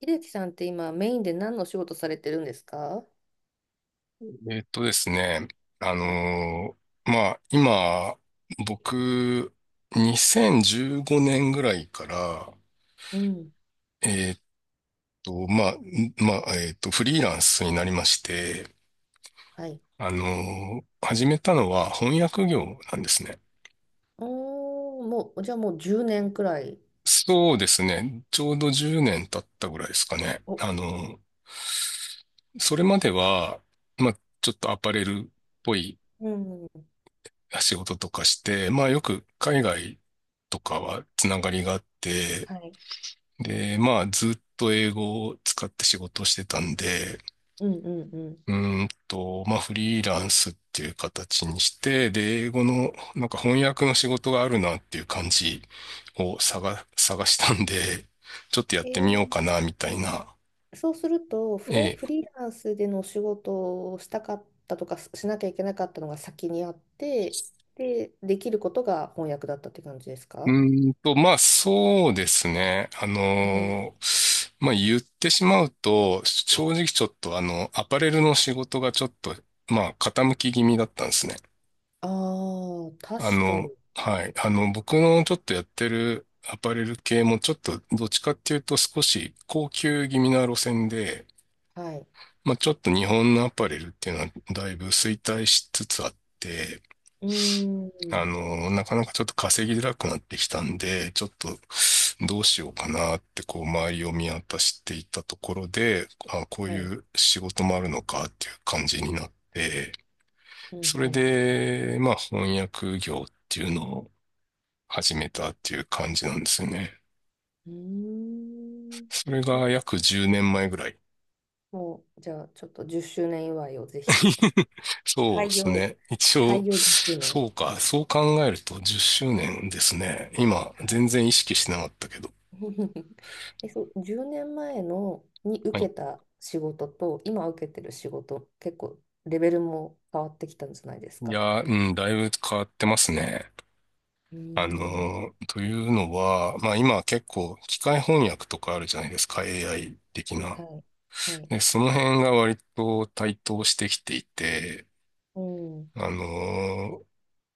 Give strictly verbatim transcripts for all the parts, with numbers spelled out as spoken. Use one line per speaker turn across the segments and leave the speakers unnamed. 秀樹さんって今メインで何のお仕事されてるんですか？
えっとですね、あ
はい。
のーまあ、今、僕、にせんじゅうごねんぐらいから、
うん。
えっと、まあ、んまあ、えっと、フリーランスになりまして、
はい。
あのー始めたのは翻訳業なんですね。
おー、もう、じゃあもうじゅうねんくらい。
そうですね、ちょうどじゅうねん経ったぐらいですかね。
お、う
あのーそれまでは、まあ、ちょっとアパレルっぽい
ねん。
仕事とかして、まあよく海外とかはつながりがあって、
はい。
で、まあずっと英語を使って仕事をしてたんで、
うんうんうん。
うーんと、まあフリーランスっていう形にして、で、英語のなんか翻訳の仕事があるなっていう感じを探、探したんで、ちょっとやっ
え
てみよう
ー、
かなみたいな。
そうするとフレ、
ええ、
フリーランスでのお仕事をしたかったとかししなきゃいけなかったのが先にあって、で、できることが翻訳だったって感じです
う
か？
ーんと、まあそうですね。あ
うん。
のーまあ言ってしまうと、正直ちょっとあの、アパレルの仕事がちょっとまあ傾き気味だったんですね。
ああ、
あ
確か
の、
に。
はい。あの、僕のちょっとやってるアパレル系もちょっとどっちかっていうと少し高級気味な路線で、
はい。
まあちょっと日本のアパレルっていうのはだいぶ衰退しつつあって、
うー
あ
ん。
の、なかなかちょっと稼ぎづらくなってきたんで、ちょっとどうしようかなってこう周りを見渡していたところで、あ、こう
はい。
いう仕事もあるのかっていう感じになって、
うん
そ
う
れ
ん。
で、まあ翻訳業っていうのを始めたっていう感じなんですよね。
うー
それ
ん。
が約じゅうねんまえぐらい。
もう、じゃあ、ちょっとじゅっしゅうねん祝いをぜひ。
そう
開
です
業。
ね。一
開
応、
業じゅっしゅうねん。
そうか、そう考えるとじゅっしゅうねんですね。今、
はい。
全然意識してなかったけど。
え、そう、じゅうねんまえのに
は
受
い、
けた仕事と、今受けてる仕事、結構レベルも変わってきたんじゃないです
い
か？
や、うん、だいぶ変わってますね。
うー
あ
ん、
の、というのは、まあ今結構機械翻訳とかあるじゃないですか、エーアイ 的な。
はい、はい、
で、その辺が割と台頭してきていて、
うん、
あの、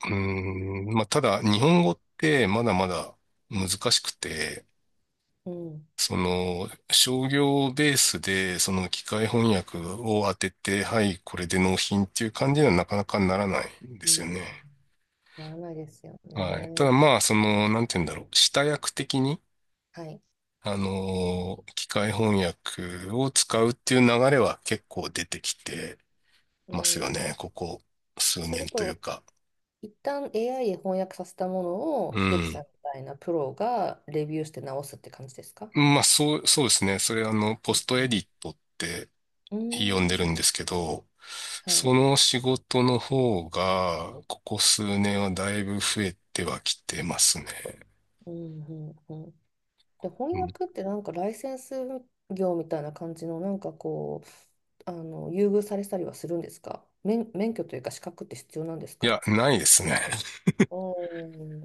うん、まあただ日本語ってまだまだ難しくて、
うん、
その商業ベースでその機械翻訳を当てて、はい、これで納品っていう感じにはなかなかならないんで
う
すよ
ん、
ね。
ならないですよ
はい。た
ね。
だまあ、その、なんて言うんだろう。下訳的に、
はい。
あのー機械翻訳を使うっていう流れは結構出てきて
う
ますよ
ん、い
ね。ここ数
する
年という
と、
か。
一旦 エーアイ で翻訳させたものを、
う
秀樹さ
ん。
んみたいなプロがレビューして直すって感じですか？
まあ、そう、そうですね。それ、あの、
は
ポ
い。
ストエディットって
うん、
呼んで
う
る
ー
んで
ん。
すけど、
はい。
その仕事の方が、ここ数年はだいぶ増えてはきてますね。
うん、うん、うん。で、翻
うん、
訳ってなんかライセンス業みたいな感じの、なんかこう、あの、優遇されたりはするんですか？免、免許というか資格って必要なんです
い
か？
や、ないですね。
お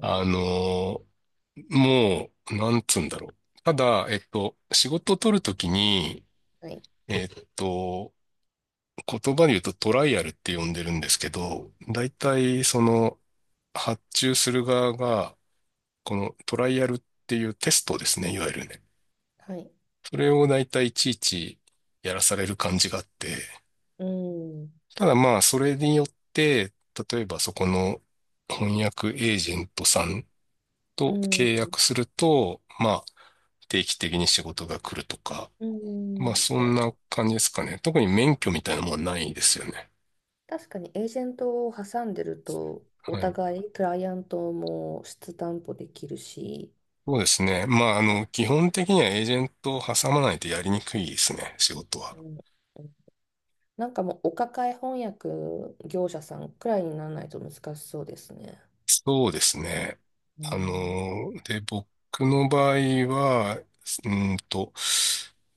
あのーもう、なんつうんだろう。ただ、えっと、仕事を取るときに、
はい、
えっと、言葉で言うとトライアルって呼んでるんですけど、大体その発注する側が、このトライアルっていうテストですね、いわゆるね。
はい。
それを大体いちいちやらされる感じがあって、
うん、
ただまあ、それによって、例えばそこの翻訳エージェントさん
う
と
ん、
契約すると、まあ、定期的に仕事が来るとか、
う
まあ、
ん。い
そん
や、
な感じですかね。特に免許みたいなものはないですよね。
確かにエージェントを挟んでると、お
はい。
互い、クライアントも質担保できるし、
そうですね。まあ、あ
は
の、
い。
基本的にはエージェントを挟まないとやりにくいですね、仕事は。
うん。なんかもうお抱え翻訳業者さんくらいにならないと難しそうですね。
そうですね。
う
あ
ん。
の、で、僕の場合は、うーんと、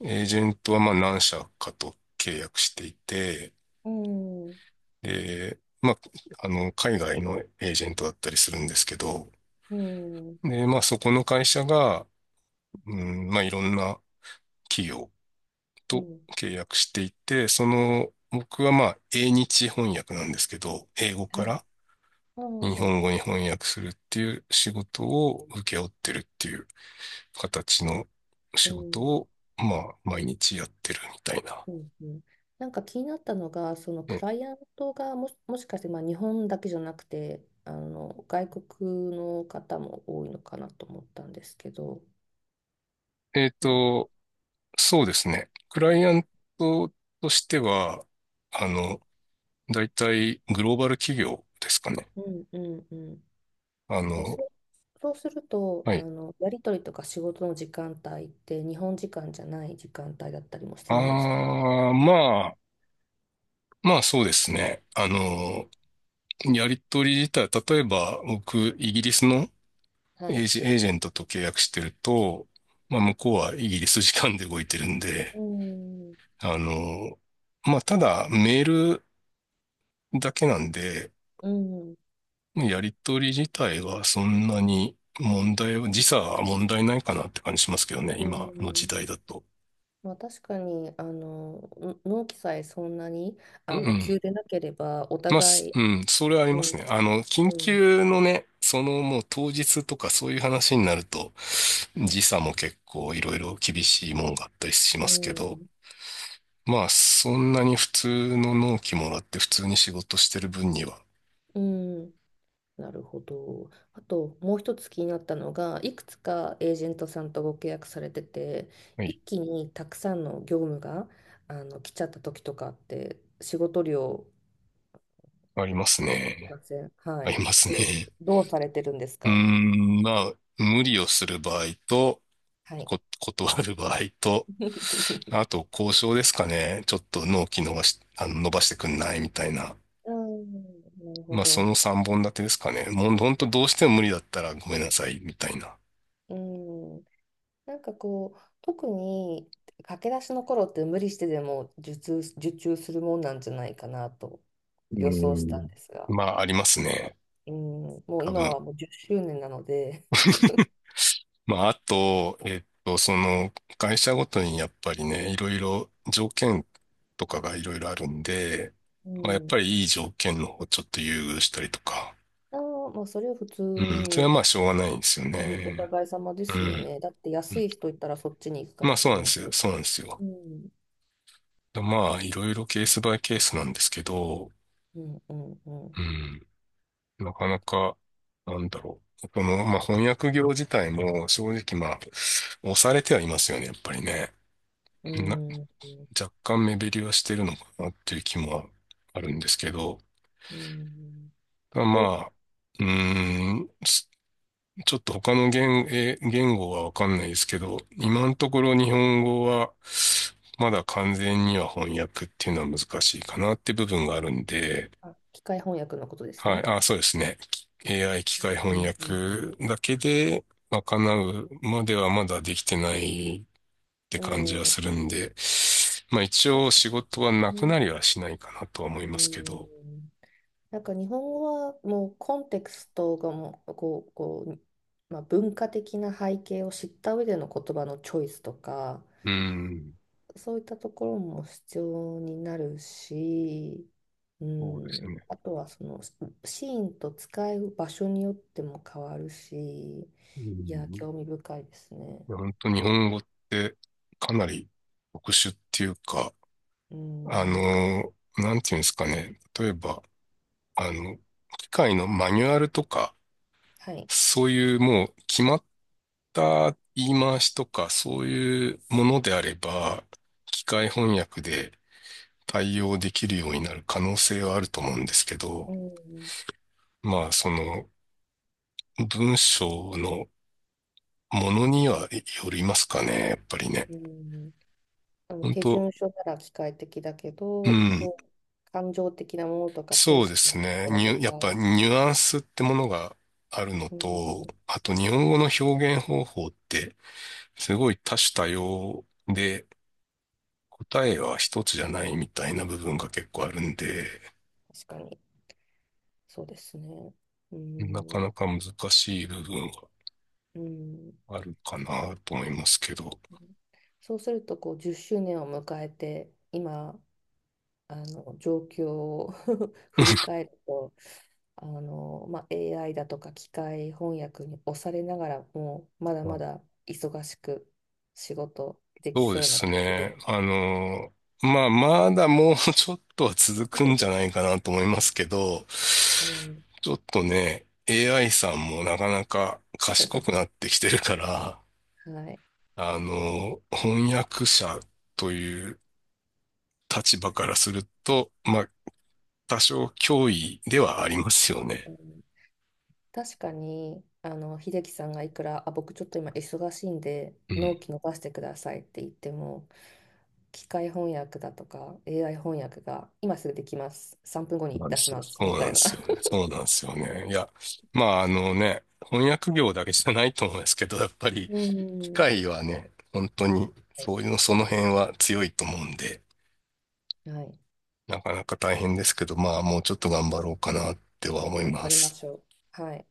エージェントはまあ何社かと契約していて、
うん、は、
で、まあ、あの、海外のエージェントだったりするんですけど、
うん。
で、まあそこの会社が、うん、まあいろんな企業
う
と
ん。
契約していて、その、僕はまあ、英日翻訳なんですけど、英語
は
か
い。
ら
ああ、
日
はい。
本語に翻訳するっていう仕事を請け負ってるっていう形の
う
仕事
ん。
を、まあ、毎日やってるみたいな。
うん。うん。なんか気になったのが、そのクラ
え、
イアントがもし、もしかしてまあ日本だけじゃなくて、あの外国の方も多いのかなと思ったんですけど、
えっ
なん
と、そうですね。クライアントとしては、あの、大体グローバル企業ですかね。
うんうんうん。
あ
で、
の、
そう、そうすると、
は
あ
い。
の、やり取りとか仕事の時間帯って日本時間じゃない時間帯だったりもす
あ
るんです。
あ、まあ、まあそうですね。あ
うん。
の、やり取り自体、例えば僕、イギリスの
は
エ
い。
ージ、エージェントと契約してると、まあ向こうはイギリス時間で動いてるんで、
うん、
あの、まあただメールだけなんで、
うん、
やり取り自体はそんなに問題は、時差は問題ないかなって感じしますけどね、
う
今の時
ん、
代だと。
まあ、確かに、あの、の納期さえそんなに、
うん、
あ
う
の、急
ん、
でなければ、お
まあ、す
互い、
うん、それはあり
う
ます
ん、
ね。あの、
う
緊
ん、
急のね、そのもう当日とかそういう話になると、
はい、
時差も結構いろいろ厳しいもんがあったりし
う
ますけど、
ん、
まあ、そんなに普通の納期もらって普通に仕事してる分には、
うん。なるほど。あともう一つ気になったのが、いくつかエージェントさんとご契約されてて、
は
一
い、
気にたくさんの業務があの来ちゃった時とかって、仕事量あ
あります
り
ね。
ません？は
あ
い。
りますね。
どう、どうされてるんです
うー
か？
ん、まあ、無理をする場合と、
はい。
こ、断る場合と、あと交渉ですかね。ちょっと納期伸ばし、あの、伸ばしてくんないみたいな。
うん、なるほ
まあ、そ
ど。
のさんぼん立てですかね。もう、ほどうしても無理だったらごめんなさい、みたいな。
うん。なんかこう、特に駆け出しの頃って無理してでも受注、受注するもんなんじゃないかなと
う
予想したん
ん。
ですが。
まあ、ありますね。
うん、もう
多
今
分。
はもうじゅっしゅうねんなので、
まあ、あと、えっと、その、会社ごとにやっぱりね、いろいろ条件とかがいろいろあるんで、
う
まあ、やっ
ん、
ぱりいい条件の方をちょっと優遇したりとか。
あの、もうそれは普通
うん。それ
に、
はまあ、しょうがないんですよ
うん、お
ね。
互い様で
う
すよ
ん。
ね。だって
う
安
ん
い人いたらそっちに行くか
まあ、
も
そう
し
なん
れ
で
な
すよ。
いし。
そうなんですよ。
うん、
まあ、いろいろケースバイケースなんですけど、
うん、うん、うん、
うん。なかなか、なんだろう。この、まあ、翻訳業自体も正直まあ、押されてはいますよね、やっぱりね。
う
な、
ん、
若干目減りはしてるのかなっていう気もあるんですけど、
うん、
ただま
こう、
あ、うーん、すちょっと他の言、え言語はわかんないですけど、今のところ日本語はまだ完全には翻訳っていうのは難しいかなって部分があるんで、
あ、機械翻訳のことです
はい。
ね。
あ、そうですね。エーアイ 機械
う
翻
ん、うん、
訳だけで賄うまではまだできてないって
う
感じ
ん、
は
うん、
するんで、まあ一
だ
応
し、
仕事はな
う
く
ん、
なりはしないかなとは思い
う
ますけど、
ん。なんか日本語はもうコンテクストがもうこう、こう、まあ、文化的な背景を知った上での言葉のチョイスとか
うん、
そういったところも必要になるし、う
そうです
ん、
ね。
あとはそのシーンと使う場所によっても変わるし、
う
いや
ん、
興味深いですね。
いや本当日本語ってかなり特殊っていうか、
う
あ
ん、
の、なんていうんですかね。例えば、あの、機械のマニュアルとか、
はい、
そういうもう決まっった言い回しとかそういうものであれば、機械翻訳で対応できるようになる可能性はあると思うんですけど、
うん、
まあその文章のものにはよりますかね、やっぱりね。
うん、あの
本
手
当、
順書なら機械的だけ
う
ど、
ん、
こう、感情的なものとか、セン
そう
ス
で
的な
すね。
もの
ニ
と
ュやっぱ
か、
ニュアンスってものがあるの
う
と、
ん、
あと日本語の表現方法ってすごい多種多様で、答えは一つじゃないみたいな部分が結構あるんで、
確かに、そうですね。う
なか
ん、
なか難しい部分が
うん、
あるかなと思いますけど。
そうすると、こう、じゅっしゅうねんを迎えて、今、あの、状況を 振り 返ると、あの、まあ、エーアイ だとか機械翻訳に押されながらも、まだまだ忙しく仕事でき
そうで
そうな
す
感じです
ね。
か？
あの、まあ、まだもうちょっとは続くんじゃないかなと思いますけど、
うん、
ちょっとね、エーアイ さんもなかなか賢くなってきてるから、
はい。
あの、翻訳者という立場からすると、まあ、多少脅威ではありますよね。
確かに、あの、秀樹さんがいくら、あ、僕ちょっと今忙しいんで、
うん、
納期伸ばしてくださいって言っても、機械翻訳だとか エーアイ 翻訳が今すぐできます。さんぷんごに
なん
出
で
し
すよ。
ます。み
そうな
た
ん
い
で
な。
すよね。そうなんですよね。いや、まああのね、翻訳業だけじゃないと思うんですけど、やっぱり
う
機
ん。
械はね、本当に
はい。
そういうの、その辺は強いと思うんで、
はい、
なかなか大変ですけど、まあもうちょっと頑張ろうかなっては思い
頑張
ま
りま
す。
しょう。はい。